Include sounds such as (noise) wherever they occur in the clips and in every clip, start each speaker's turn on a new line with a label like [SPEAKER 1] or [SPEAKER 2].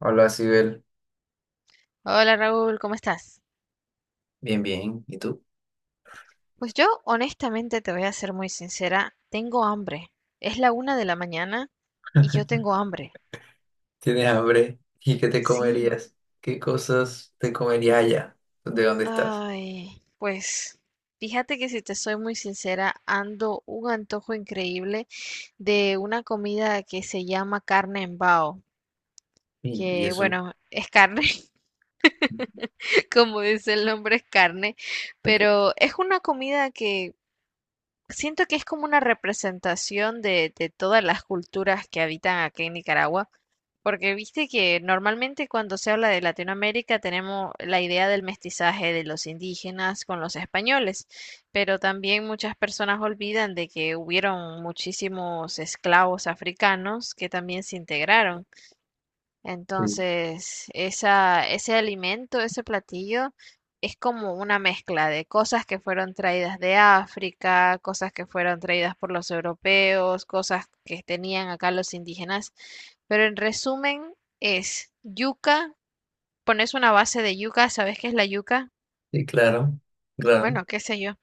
[SPEAKER 1] Hola, Sibel.
[SPEAKER 2] Hola Raúl, ¿cómo estás?
[SPEAKER 1] Bien, bien. ¿Y tú?
[SPEAKER 2] Pues yo honestamente te voy a ser muy sincera, tengo hambre. Es la una de la mañana y yo
[SPEAKER 1] (laughs)
[SPEAKER 2] tengo hambre.
[SPEAKER 1] ¿Tienes hambre? ¿Y qué te
[SPEAKER 2] Sí.
[SPEAKER 1] comerías? ¿Qué cosas te comerías allá? ¿De dónde estás?
[SPEAKER 2] Ay, pues fíjate que si te soy muy sincera, ando un antojo increíble de una comida que se llama carne en bao,
[SPEAKER 1] Y
[SPEAKER 2] que
[SPEAKER 1] eso.
[SPEAKER 2] bueno, es carne, (laughs) como dice el nombre, es carne,
[SPEAKER 1] Ok.
[SPEAKER 2] pero es una comida que. Siento que es como una representación de todas las culturas que habitan aquí en Nicaragua, porque viste que normalmente cuando se habla de Latinoamérica tenemos la idea del mestizaje de los indígenas con los españoles, pero también muchas personas olvidan de que hubieron muchísimos esclavos africanos que también se integraron.
[SPEAKER 1] Sí,
[SPEAKER 2] Entonces, ese alimento, ese platillo, es como una mezcla de cosas que fueron traídas de África, cosas que fueron traídas por los europeos, cosas que tenían acá los indígenas. Pero en resumen, es yuca, pones una base de yuca, ¿sabes qué es la yuca?
[SPEAKER 1] sí, claro, claro.
[SPEAKER 2] Bueno, qué sé yo.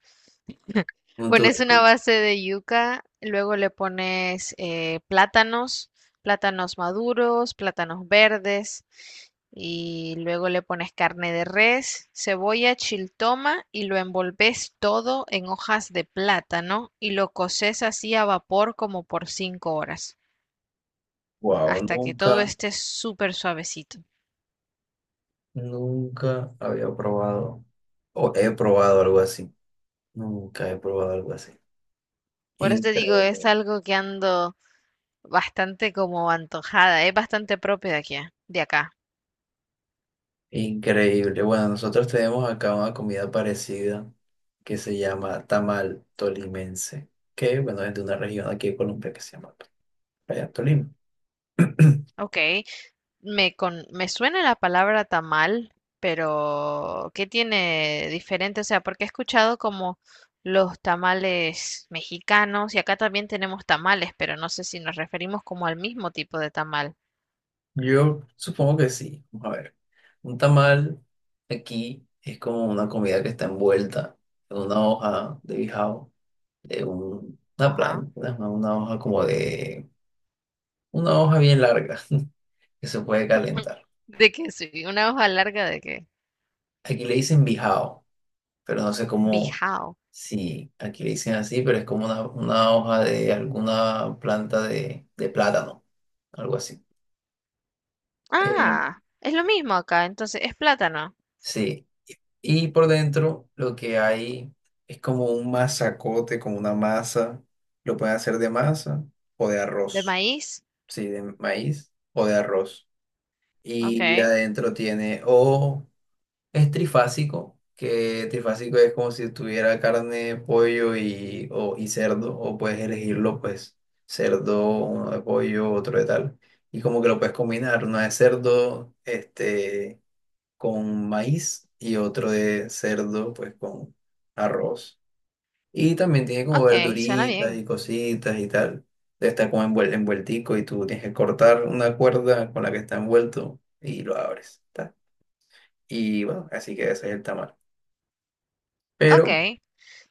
[SPEAKER 1] Un
[SPEAKER 2] Pones una
[SPEAKER 1] tubérculo.
[SPEAKER 2] base de yuca, luego le pones plátanos, plátanos maduros, plátanos verdes, y luego le pones carne de res, cebolla, chiltoma y lo envolves todo en hojas de plátano y lo coces así a vapor como por 5 horas,
[SPEAKER 1] Wow,
[SPEAKER 2] hasta que todo
[SPEAKER 1] nunca,
[SPEAKER 2] esté súper suavecito.
[SPEAKER 1] nunca había probado o he probado algo así. Nunca he probado algo así.
[SPEAKER 2] Por eso te digo, es
[SPEAKER 1] Increíble.
[SPEAKER 2] algo que ando bastante como antojada, es bastante propio de aquí, de acá.
[SPEAKER 1] Increíble. Bueno, nosotros tenemos acá una comida parecida que se llama tamal tolimense, que bueno, es de una región aquí de Colombia que se llama Playa Tolima.
[SPEAKER 2] Ok. Me suena la palabra tamal, pero ¿qué tiene diferente? O sea, porque he escuchado como los tamales mexicanos y acá también tenemos tamales, pero no sé si nos referimos como al mismo tipo de tamal.
[SPEAKER 1] Yo supongo que sí. Vamos a ver. Un tamal aquí es como una comida que está envuelta en una hoja de bijao, de una
[SPEAKER 2] Ajá.
[SPEAKER 1] planta, una hoja como de, una hoja bien larga (laughs) que se puede calentar.
[SPEAKER 2] De que sí, una hoja larga de que
[SPEAKER 1] Aquí le dicen bijao, pero no sé cómo,
[SPEAKER 2] bijao.
[SPEAKER 1] si aquí le dicen así, pero es como una hoja de alguna planta de plátano, algo así. Eh,
[SPEAKER 2] Ah, es lo mismo acá, entonces es plátano
[SPEAKER 1] sí, y por dentro lo que hay es como un masacote, como una masa, lo pueden hacer de masa o de
[SPEAKER 2] de
[SPEAKER 1] arroz,
[SPEAKER 2] maíz.
[SPEAKER 1] sí, de maíz o de arroz. Y
[SPEAKER 2] Ok,
[SPEAKER 1] adentro tiene o es trifásico, que trifásico es como si tuviera carne, pollo y, o, y cerdo, o puedes elegirlo, pues, cerdo, uno de pollo, otro de tal. Y como que lo puedes combinar, uno de cerdo, este, con maíz y otro de cerdo, pues, con arroz. Y también tiene como
[SPEAKER 2] ok, suena
[SPEAKER 1] verduritas
[SPEAKER 2] bien.
[SPEAKER 1] y cositas y tal. Está como envueltico y tú tienes que cortar una cuerda con la que está envuelto y lo abres, ta. Y bueno, así que ese es el tamal.
[SPEAKER 2] Ok,
[SPEAKER 1] Pero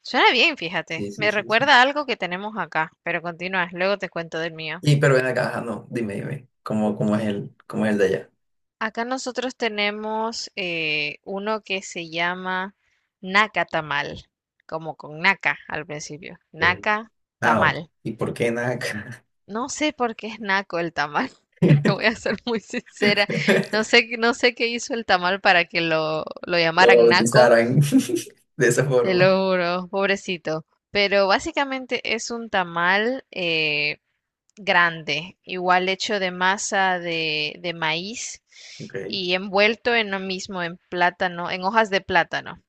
[SPEAKER 2] suena bien, fíjate.
[SPEAKER 1] sí, sí,
[SPEAKER 2] Me
[SPEAKER 1] sí, sí,
[SPEAKER 2] recuerda a algo que tenemos acá, pero continúas, luego te cuento del mío.
[SPEAKER 1] y pero ven acá, ajá, no, dime, dime, ¿cómo, cómo es el de allá?
[SPEAKER 2] Acá nosotros tenemos uno que se llama naca tamal, como con naca al principio.
[SPEAKER 1] Bien.
[SPEAKER 2] Naca
[SPEAKER 1] Ah, ok.
[SPEAKER 2] tamal.
[SPEAKER 1] ¿Y por qué en acá
[SPEAKER 2] No sé por qué es naco el tamal. (laughs) Te voy a
[SPEAKER 1] (laughs)
[SPEAKER 2] ser muy sincera. No sé, no sé qué hizo el tamal para que lo
[SPEAKER 1] lo
[SPEAKER 2] llamaran naco.
[SPEAKER 1] bautizaran (laughs) de esa
[SPEAKER 2] Te
[SPEAKER 1] forma?
[SPEAKER 2] lo juro, pobrecito. Pero básicamente es un tamal, grande, igual hecho de masa de maíz
[SPEAKER 1] Ok.
[SPEAKER 2] y envuelto en lo mismo, en plátano, en hojas de plátano.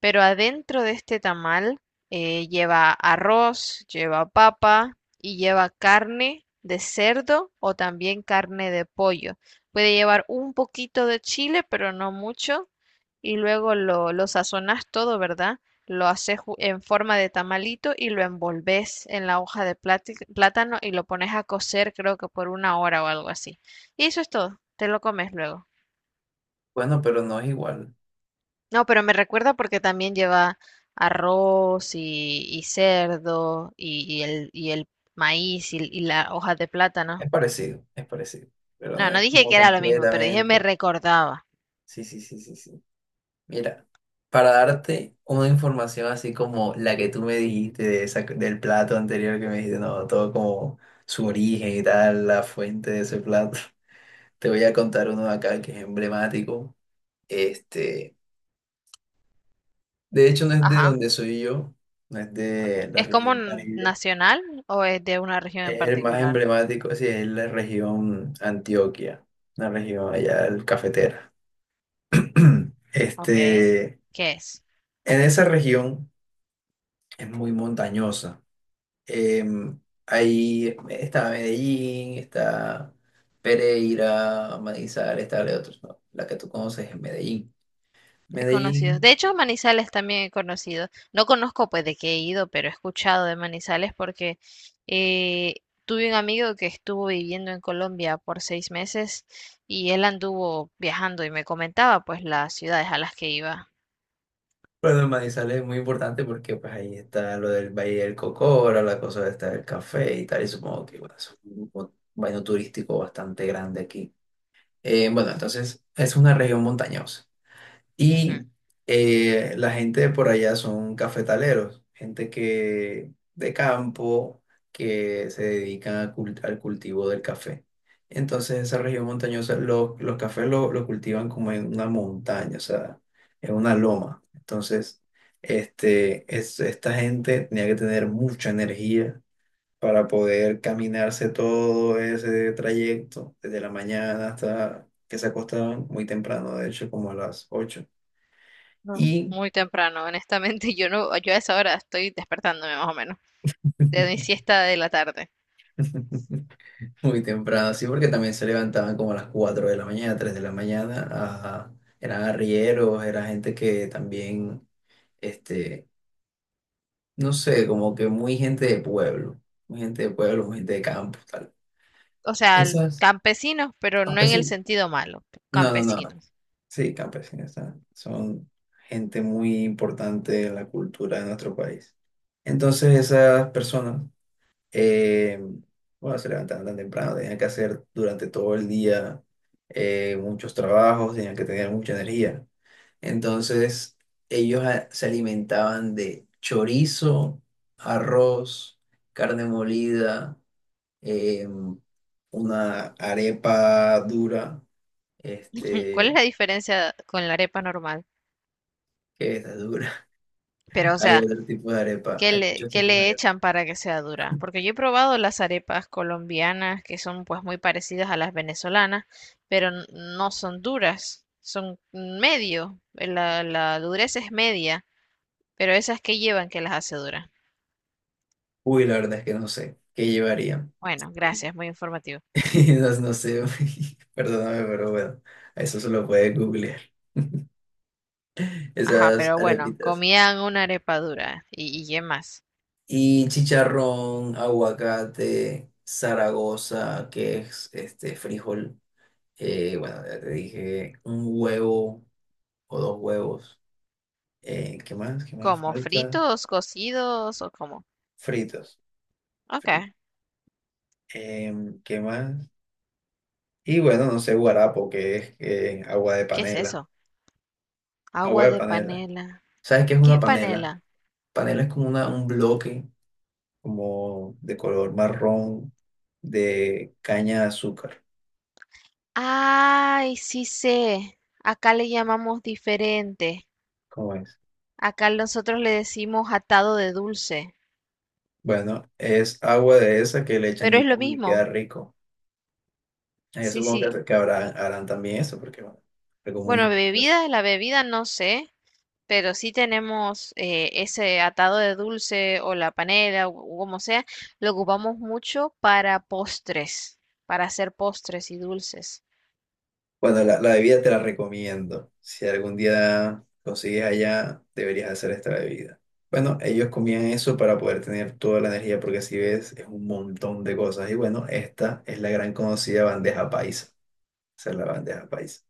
[SPEAKER 2] Pero adentro de este tamal lleva arroz, lleva papa y lleva carne de cerdo o también carne de pollo. Puede llevar un poquito de chile, pero no mucho. Y luego lo sazonas todo, ¿verdad? Lo haces en forma de tamalito y lo envolves en la hoja de plátano y lo pones a cocer, creo que por una hora o algo así. Y eso es todo. Te lo comes luego.
[SPEAKER 1] Bueno, pero no es igual.
[SPEAKER 2] No, pero me recuerda porque también lleva arroz y cerdo y el maíz y la hoja de plátano.
[SPEAKER 1] Es parecido, pero no
[SPEAKER 2] No, no
[SPEAKER 1] es
[SPEAKER 2] dije que
[SPEAKER 1] como
[SPEAKER 2] era lo mismo, pero dije me
[SPEAKER 1] completamente.
[SPEAKER 2] recordaba.
[SPEAKER 1] Sí, sí, sí, sí, sí. Mira, para darte una información así como la que tú me dijiste de esa, del plato anterior que me dijiste, no, todo como su origen y tal, la fuente de ese plato. Te voy a contar uno de acá que es emblemático. Este, de hecho, no es de
[SPEAKER 2] Ajá,
[SPEAKER 1] donde soy yo, no es
[SPEAKER 2] ok.
[SPEAKER 1] de la
[SPEAKER 2] ¿Es como
[SPEAKER 1] región Caribe.
[SPEAKER 2] nacional o es de una región en
[SPEAKER 1] Es el más
[SPEAKER 2] particular?
[SPEAKER 1] emblemático, sí, es la región Antioquia, la región allá del cafetera. (clears throat)
[SPEAKER 2] Ok.
[SPEAKER 1] Este,
[SPEAKER 2] ¿Qué es?
[SPEAKER 1] en esa región es muy montañosa. Em, ahí está Medellín, está Pereira, Manizales, está la otra, ¿no? La que tú conoces es Medellín.
[SPEAKER 2] He conocido.
[SPEAKER 1] Medellín.
[SPEAKER 2] De hecho, Manizales también he conocido. No conozco, pues, de qué he ido, pero he escuchado de Manizales porque eh, tuve un amigo que estuvo viviendo en Colombia por 6 meses y él anduvo viajando y me comentaba, pues, las ciudades a las que iba.
[SPEAKER 1] Bueno, el Manizales es muy importante porque pues ahí está lo del Valle del Cocora, la cosa está del café y tal, y supongo que bueno, es un baño turístico bastante grande aquí. Bueno, entonces es una región montañosa. Y
[SPEAKER 2] Ujú.
[SPEAKER 1] la gente de por allá son cafetaleros, gente que de campo que se dedican a al cultivo del café. Entonces, esa región montañosa, los cafés lo cultivan como en una montaña, o sea, en una loma. Entonces, este, esta gente tenía que tener mucha energía para poder caminarse todo ese trayecto, desde la mañana hasta que se acostaban muy temprano, de hecho, como a las 8
[SPEAKER 2] No,
[SPEAKER 1] y
[SPEAKER 2] muy temprano, honestamente, (laughs) yo no, yo a esa hora estoy despertándome más o menos de
[SPEAKER 1] (laughs)
[SPEAKER 2] mi siesta de la tarde.
[SPEAKER 1] muy temprano, sí, porque también se levantaban como a las 4 de la mañana, 3 de la mañana. Eran arrieros, era gente que también, este, no sé, como que muy gente de pueblo, muy gente de pueblo, muy gente de campo, tal.
[SPEAKER 2] O sea,
[SPEAKER 1] Esas
[SPEAKER 2] campesinos, pero no en el
[SPEAKER 1] campesinos.
[SPEAKER 2] sentido malo,
[SPEAKER 1] No, no, no.
[SPEAKER 2] campesinos.
[SPEAKER 1] Sí, campesinos. Ah, son gente muy importante en la cultura de nuestro país. Entonces, esas personas Eh, bueno, se levantaban tan temprano, tenían que hacer durante todo el día muchos trabajos, tenían que tener mucha energía. Entonces, ellos se alimentaban de chorizo, arroz, carne molida, eh, una arepa dura,
[SPEAKER 2] (laughs) ¿Cuál es
[SPEAKER 1] este,
[SPEAKER 2] la diferencia con la arepa normal?
[SPEAKER 1] ¿qué es la dura?
[SPEAKER 2] Pero,
[SPEAKER 1] (laughs)
[SPEAKER 2] o
[SPEAKER 1] Hay
[SPEAKER 2] sea,
[SPEAKER 1] otro tipo de arepa,
[SPEAKER 2] qué
[SPEAKER 1] hay
[SPEAKER 2] le,
[SPEAKER 1] muchos
[SPEAKER 2] que
[SPEAKER 1] tipos de
[SPEAKER 2] le
[SPEAKER 1] arepa.
[SPEAKER 2] echan para que sea dura. Porque yo he probado las arepas colombianas que son pues muy parecidas a las venezolanas, pero no son duras, son medio, la dureza es media, pero esas que llevan que las hace duras.
[SPEAKER 1] Uy, la verdad es que no sé qué llevarían.
[SPEAKER 2] Bueno, gracias, muy informativo.
[SPEAKER 1] (laughs) Esas no sé, güey. (laughs) Perdóname, pero bueno, a eso se lo puede googlear.
[SPEAKER 2] Ajá,
[SPEAKER 1] Esas
[SPEAKER 2] pero bueno,
[SPEAKER 1] arepitas.
[SPEAKER 2] comían una arepa dura y qué más.
[SPEAKER 1] Y chicharrón, aguacate, Zaragoza, que es este frijol. Bueno, ya te dije, un huevo o dos huevos. ¿Qué más? ¿Qué más
[SPEAKER 2] ¿Como
[SPEAKER 1] falta?
[SPEAKER 2] fritos, cocidos o cómo?
[SPEAKER 1] Fritos.
[SPEAKER 2] Ok,
[SPEAKER 1] Fri- ¿Qué más? Y bueno, no sé, guarapo, que es agua de
[SPEAKER 2] ¿qué es
[SPEAKER 1] panela.
[SPEAKER 2] eso?
[SPEAKER 1] Agua
[SPEAKER 2] Agua
[SPEAKER 1] de
[SPEAKER 2] de
[SPEAKER 1] panela.
[SPEAKER 2] panela.
[SPEAKER 1] ¿Sabes qué es
[SPEAKER 2] ¿Qué es
[SPEAKER 1] una panela?
[SPEAKER 2] panela?
[SPEAKER 1] Panela es como una, un bloque como de color marrón de caña de azúcar.
[SPEAKER 2] Ay, sí sé. Acá le llamamos diferente.
[SPEAKER 1] ¿Cómo es?
[SPEAKER 2] Acá nosotros le decimos atado de dulce.
[SPEAKER 1] Bueno, es agua de esa que le echan
[SPEAKER 2] Pero es lo
[SPEAKER 1] limón y queda
[SPEAKER 2] mismo.
[SPEAKER 1] rico. Ah, yo
[SPEAKER 2] Sí,
[SPEAKER 1] supongo
[SPEAKER 2] sí.
[SPEAKER 1] que habrán, harán también eso, porque bueno, algo muy
[SPEAKER 2] Bueno,
[SPEAKER 1] delicioso.
[SPEAKER 2] bebida, la bebida no sé, pero sí tenemos ese atado de dulce o la panela o como sea. Lo ocupamos mucho para postres, para hacer postres y dulces.
[SPEAKER 1] Bueno, la bebida te la recomiendo. Si algún día consigues allá, deberías hacer esta bebida. Bueno, ellos comían eso para poder tener toda la energía, porque si ves, es un montón de cosas. Y bueno, esta es la gran conocida bandeja paisa. Esa es la bandeja paisa.